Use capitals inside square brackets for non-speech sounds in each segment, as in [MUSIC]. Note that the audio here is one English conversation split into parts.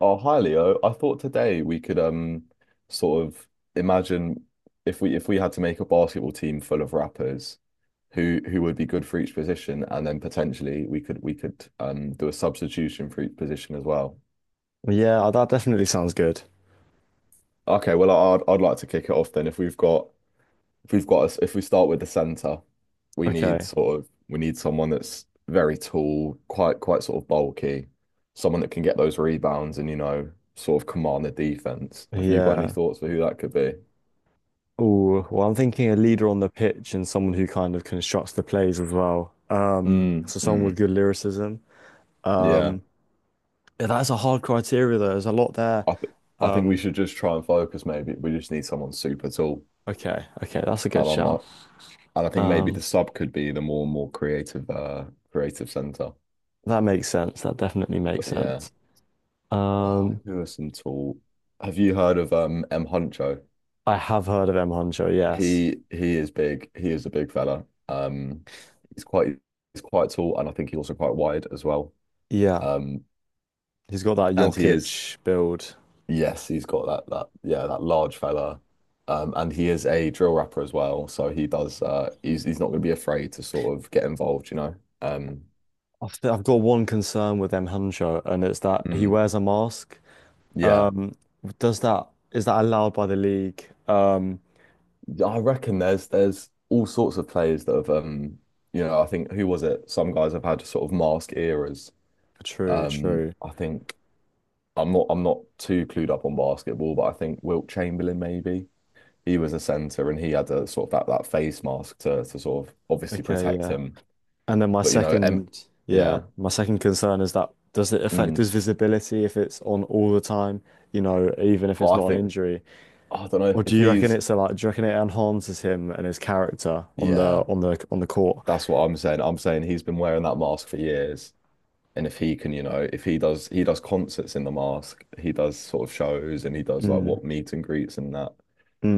Oh, hi Leo. I thought today we could sort of imagine if we had to make a basketball team full of rappers who would be good for each position, and then potentially we could do a substitution for each position as well. Yeah, that definitely sounds good. Okay, well I'd like to kick it off then if we've got, if we start with the center, Okay. We need someone that's very tall, quite sort of bulky, someone that can get those rebounds and, you know, sort of command the defense. Have you got any Yeah. thoughts for who that could be? Oh, well, I'm thinking a leader on the pitch and someone who kind of constructs the plays as well. Um, Mm, so someone with mm, good lyricism. yeah. Um, yeah, that's a hard criteria though. There's a lot there. I th I think we Um, should just try and focus. Maybe we just need someone super tall, okay, okay, that's a good and I'm I, shout. and I think maybe Um, the sub could be the more creative creative center. that makes sense. That definitely makes But yeah, sense. oh, Um, who are some tall? Have you heard of M Huncho? I have heard of M. Huncho, yes. He is big. He is a big fella. He's quite he's quite tall, and I think he's also quite wide as well. Yeah, Um, he's got that and he is Jokic build. yes, he's got that yeah, that large fella. And he is a drill rapper as well, so he does. He's not going to be afraid to sort of get involved, you know. Um, I've got one concern with M. Huncho, and it's that he mm, wears a mask. yeah, Um, does that is that allowed by the league? I reckon there's all sorts of players that have, you know, I think, who was it? Some guys have had sort of mask eras. True, true. I think. I'm not too clued up on basketball, but I think Wilt Chamberlain maybe. He was a center and he had a sort of that, that face mask to sort of obviously Okay, protect yeah. him. And then my But you know, second, yeah, yeah. my second concern is that does it affect his Mm. visibility if it's on all the time? You know, even if Well, it's I not an think injury, I don't know or do if you reckon he's do you reckon it enhances him and his character on yeah, the court? that's what I'm saying. I'm saying he's been wearing that mask for years. And if he can, you know, if he does, he does concerts in the mask, he does sort of shows, and he does like, Mm, what, meet and greets and that.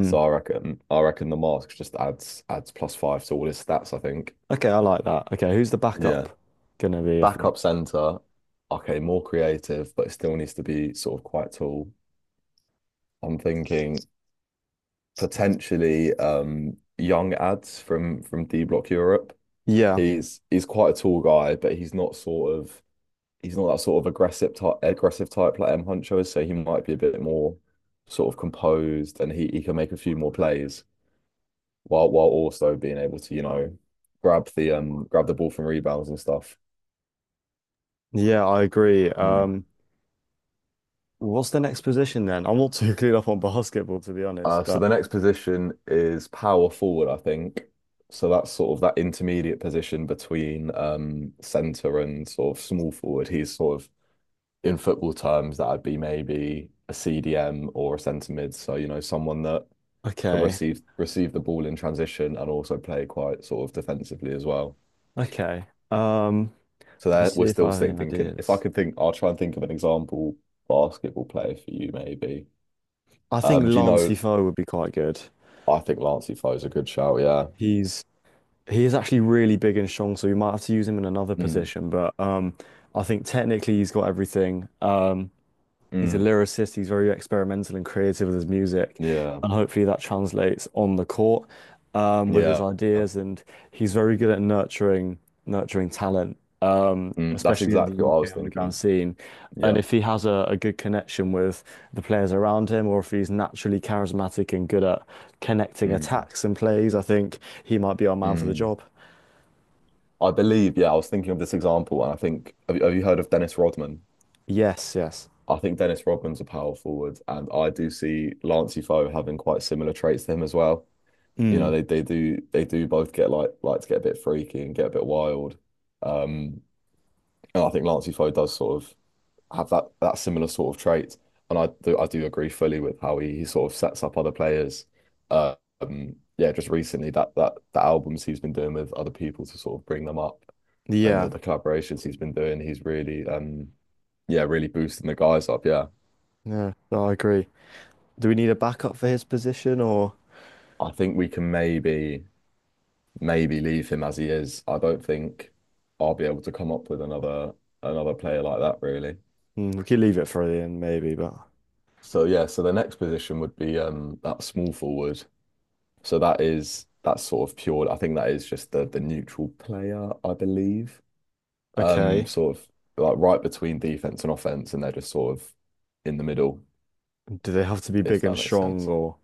So I reckon the mask just adds plus five to all his stats, I think. Okay, I like that. Okay, who's the Yeah. backup gonna be, I think? Backup center, okay, more creative, but it still needs to be sort of quite tall. I'm thinking potentially young ads from D Block Europe. Yeah, He's quite a tall guy, but he's not sort of, he's not that sort of aggressive type like M Huncho is, so he might be a bit more sort of composed, and he can make a few more plays while also being able to, you know, grab the ball from rebounds and stuff. yeah, I agree. Hmm. What's the next position then? I'm not [LAUGHS] too clued up on basketball, to be honest, So but the next position is power forward, I think. So that's sort of that intermediate position between, centre and sort of small forward. He's sort of, in football terms, that'd be maybe a CDM or a centre mid. So, you know, someone that can okay. Receive the ball in transition and also play quite sort of defensively as well. Okay. Um, So let's there see we're if still I have any thinking. If I ideas. could think, I'll try and think of an example basketball player for you maybe. I think Do you Lancey know? Foe would be quite good. I think Lancey Foe's a good shout. Yeah. He's he is actually really big and strong, so you might have to use him in another Mm. position, but I think technically he's got everything. He's a Mm. lyricist. He's very experimental and creative with his music, Yeah, and hopefully that translates on the court with his yeah. ideas. And he's very good at nurturing talent, Mm, that's especially in the exactly what I UK was underground thinking. scene. Yeah. And if he has a good connection with the players around him, or if he's naturally charismatic and good at connecting Mm, attacks and plays, I think he might be our man for the mm. job. I believe, yeah, I was thinking of this example, and I think, have you heard of Dennis Rodman? Yes, yes. I think Dennis Rodman's a power forward, and I do see Lancey Foe having quite similar traits to him as well. You Mm. know, they do both get like to get a bit freaky and get a bit wild. Um, and I think Lancey Foe does sort of have that similar sort of trait. And I do agree fully with how he sort of sets up other players. Uh, yeah, just recently, that the albums he's been doing with other people to sort of bring them up and Yeah, the collaborations he's been doing, he's really, um, yeah, really boosting the guys up. Yeah. yeah, no, I agree. Do we need a backup for his position or? I think we can maybe leave him as he is. I don't think I'll be able to come up with another player like that really. Mm, we could leave it for Ian, maybe, but So yeah, so the next position would be, um, that small forward. So that is, that's sort of pure. I think that is just the neutral player, I believe. Okay. Sort of like right between defense and offense, and they're just sort of in the middle, Do they have to be big if and that makes strong sense. or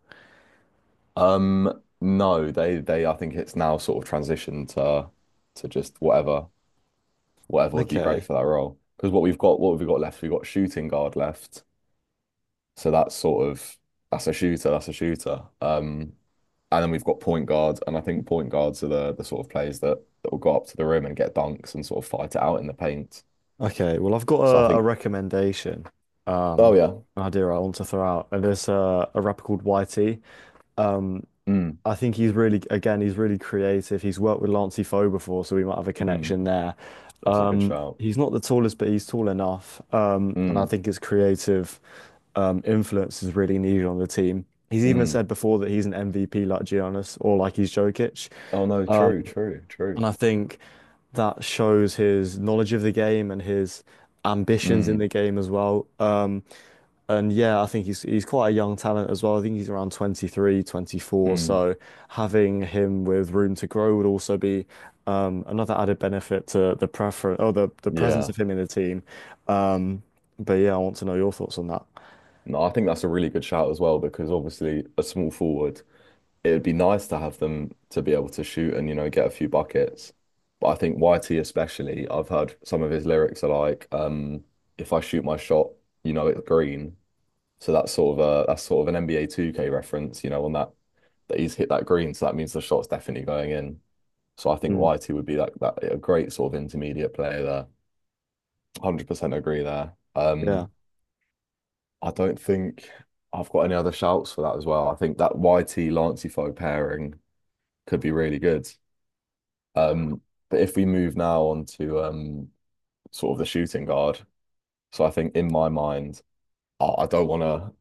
No, they, I think it's now sort of transitioned to just whatever would be great okay. for that role. Because what we've got, left, we've got shooting guard left. So that's sort of, that's a shooter. And then we've got point guards, and I think point guards are the sort of players that will go up to the rim and get dunks and sort of fight it out in the paint. Okay. Well, I've got So I a think, recommendation. Um, oh yeah, an idea I want to throw out. And there's a rapper called YT. Um, mm, I think he's really, again, he's really creative. He's worked with Lancey Foe before, so we might have a mm, connection there. that's a good shout. He's not the tallest, but he's tall enough. And I Mm, think his creative influence is really needed on the team. He's even mm. said before that he's an MVP like Giannis or like he's Jokic. Oh no, true, true, And true. I think that shows his knowledge of the game and his ambitions in Mm, the game as well. And yeah, I think he's quite a young talent as well. I think he's around 23, 24. mm, So having him with room to grow would also be another added benefit to the preference or the presence yeah. of him in the team. Um, but yeah, I want to know your thoughts on that. No, I think that's a really good shout as well, because obviously a small forward, it would be nice to have them to be able to shoot and, you know, get a few buckets. But I think YT especially, I've heard some of his lyrics are like, if I shoot my shot, you know it's green. So that's sort of a, that's sort of an NBA 2K reference, you know, on that, that he's hit that green. So that means the shot's definitely going in. So I think Mm, YT would be like that, a great sort of intermediate player there. 100% agree there. yeah. I don't think I've got any other shouts for that as well. I think that YT Lancey Fo pairing could be really good. Um, but if we move now on to, sort of the shooting guard, so I think in my mind, I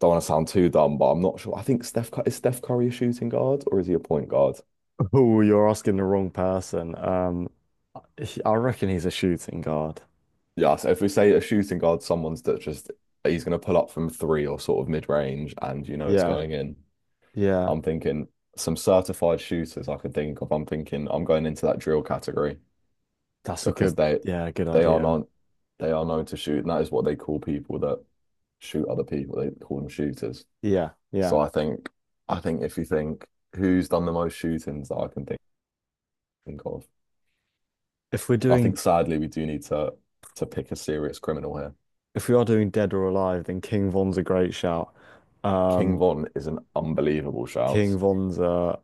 don't want to sound too dumb, but I'm not sure. I think Steph Cur-, is Steph Curry a shooting guard or is he a point guard? [LAUGHS] Oh, you're asking the wrong person. I reckon he's a shooting guard. Yeah, so if we say a shooting guard, someone's that just, he's going to pull up from three or sort of mid range, and you know it's Yeah, going in. yeah. I'm thinking some certified shooters I could think of. I'm thinking I'm going into that drill category. That's a Because good, yeah, good they are idea. not, they are known to shoot, and that is what they call people that shoot other people. They call them shooters. Yeah, yeah. So I think, if you think who's done the most shootings that I can think of, If we're I think doing sadly we do need to pick a serious criminal here. if we are doing Dead or Alive, then King Von's a great shout. King Um, Von is an unbelievable King shout. Von's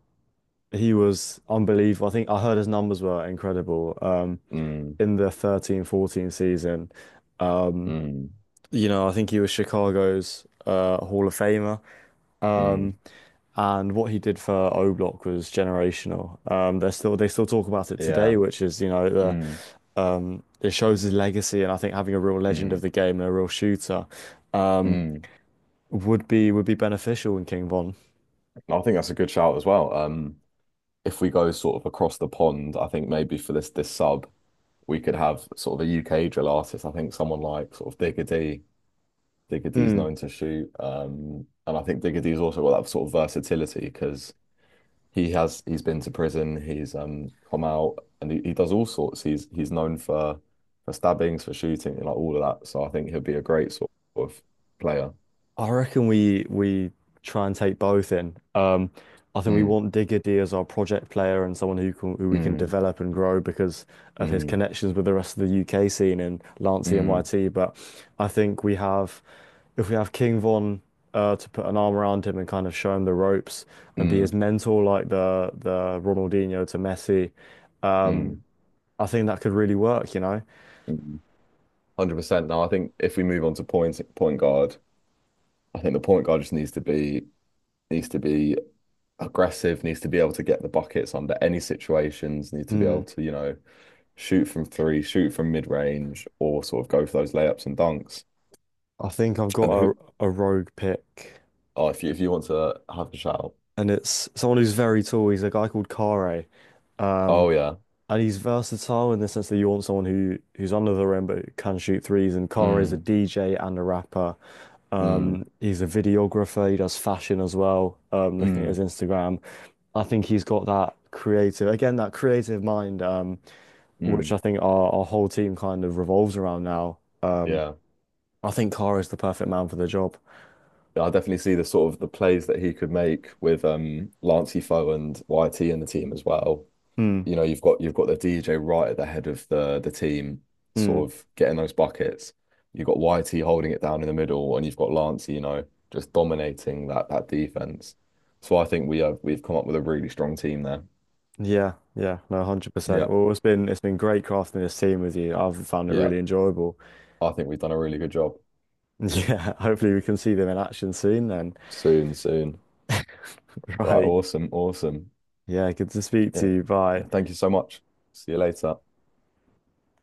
He was unbelievable. I think I heard his numbers were incredible. Mm, In the 13-14 season, um, mm, you know, I think he was Chicago's Hall of Famer. Um, mm, and what he did for O Block was generational. They still talk about it today, yeah. which is the, Mm, it shows his legacy, and I think having a real legend of mm, the game and a real shooter. Um, mm. would be beneficial in King Von. I think that's a good shout as well. If we go sort of across the pond, I think maybe for this sub, we could have sort of a UK drill artist. I think someone like sort of Diggity. Diggity's Hmm. known to shoot, and I think Diggity's also got that sort of versatility because he's been to prison, he's, um, come out, and he does all sorts. He's known for stabbings, for shooting, like all of that. So I think he'll be a great sort of player. I reckon we try and take both in. I think we Mm, want Diggity as our project player and someone who we can mm, develop and grow because of his mm, connections with the rest of the UK scene and Lance mm, NYT. But I think we have if we have King Von to put an arm around him and kind of show him the ropes and be his mm, mentor like the Ronaldinho to Messi. Um, mm, I think that could really work. mm. 100%. Now I think if we move on to point guard, I think the point guard just needs to be aggressive, needs to be able to get the buckets under any situations, needs to be able to, you know, shoot from three, shoot from mid-range, or sort of go for those layups and dunks. I think I've And got a, who, a rogue pick, oh, if you want to have a shout, and it's someone who's very tall. He's a guy called Kare, um, oh yeah, and he's versatile in the sense that you want someone who's under the rim but who can shoot threes. And Kare's a mm, DJ and a rapper. mm, He's a videographer. He does fashion as well. Looking at his mm, Instagram, I think he's got that creative, again, that creative mind, mm, which I think our whole team kind of revolves around now. Um, yeah. I think Kare is the perfect man for the job. Yeah, I definitely see the sort of the plays that he could make with, um, Lancey Foe and YT in the team as well. Hmm. You know, you've got the DJ right at the head of the team, Hmm. sort of getting those buckets. You've got YT holding it down in the middle, and you've got Lancey, you know, just dominating that defense. So I think we've come up with a really strong team there. Yeah, yeah, no, 100%. Yeah, Well, it's been great crafting this team with you. I've found it yeah. really enjoyable. [LAUGHS] I think we've done a really good job. Yeah, hopefully we can see them in action soon then. Soon, soon. [LAUGHS] Right, Right. awesome, awesome. Yeah, good to speak to Yeah. you. Bye. Thank you so much. See you later.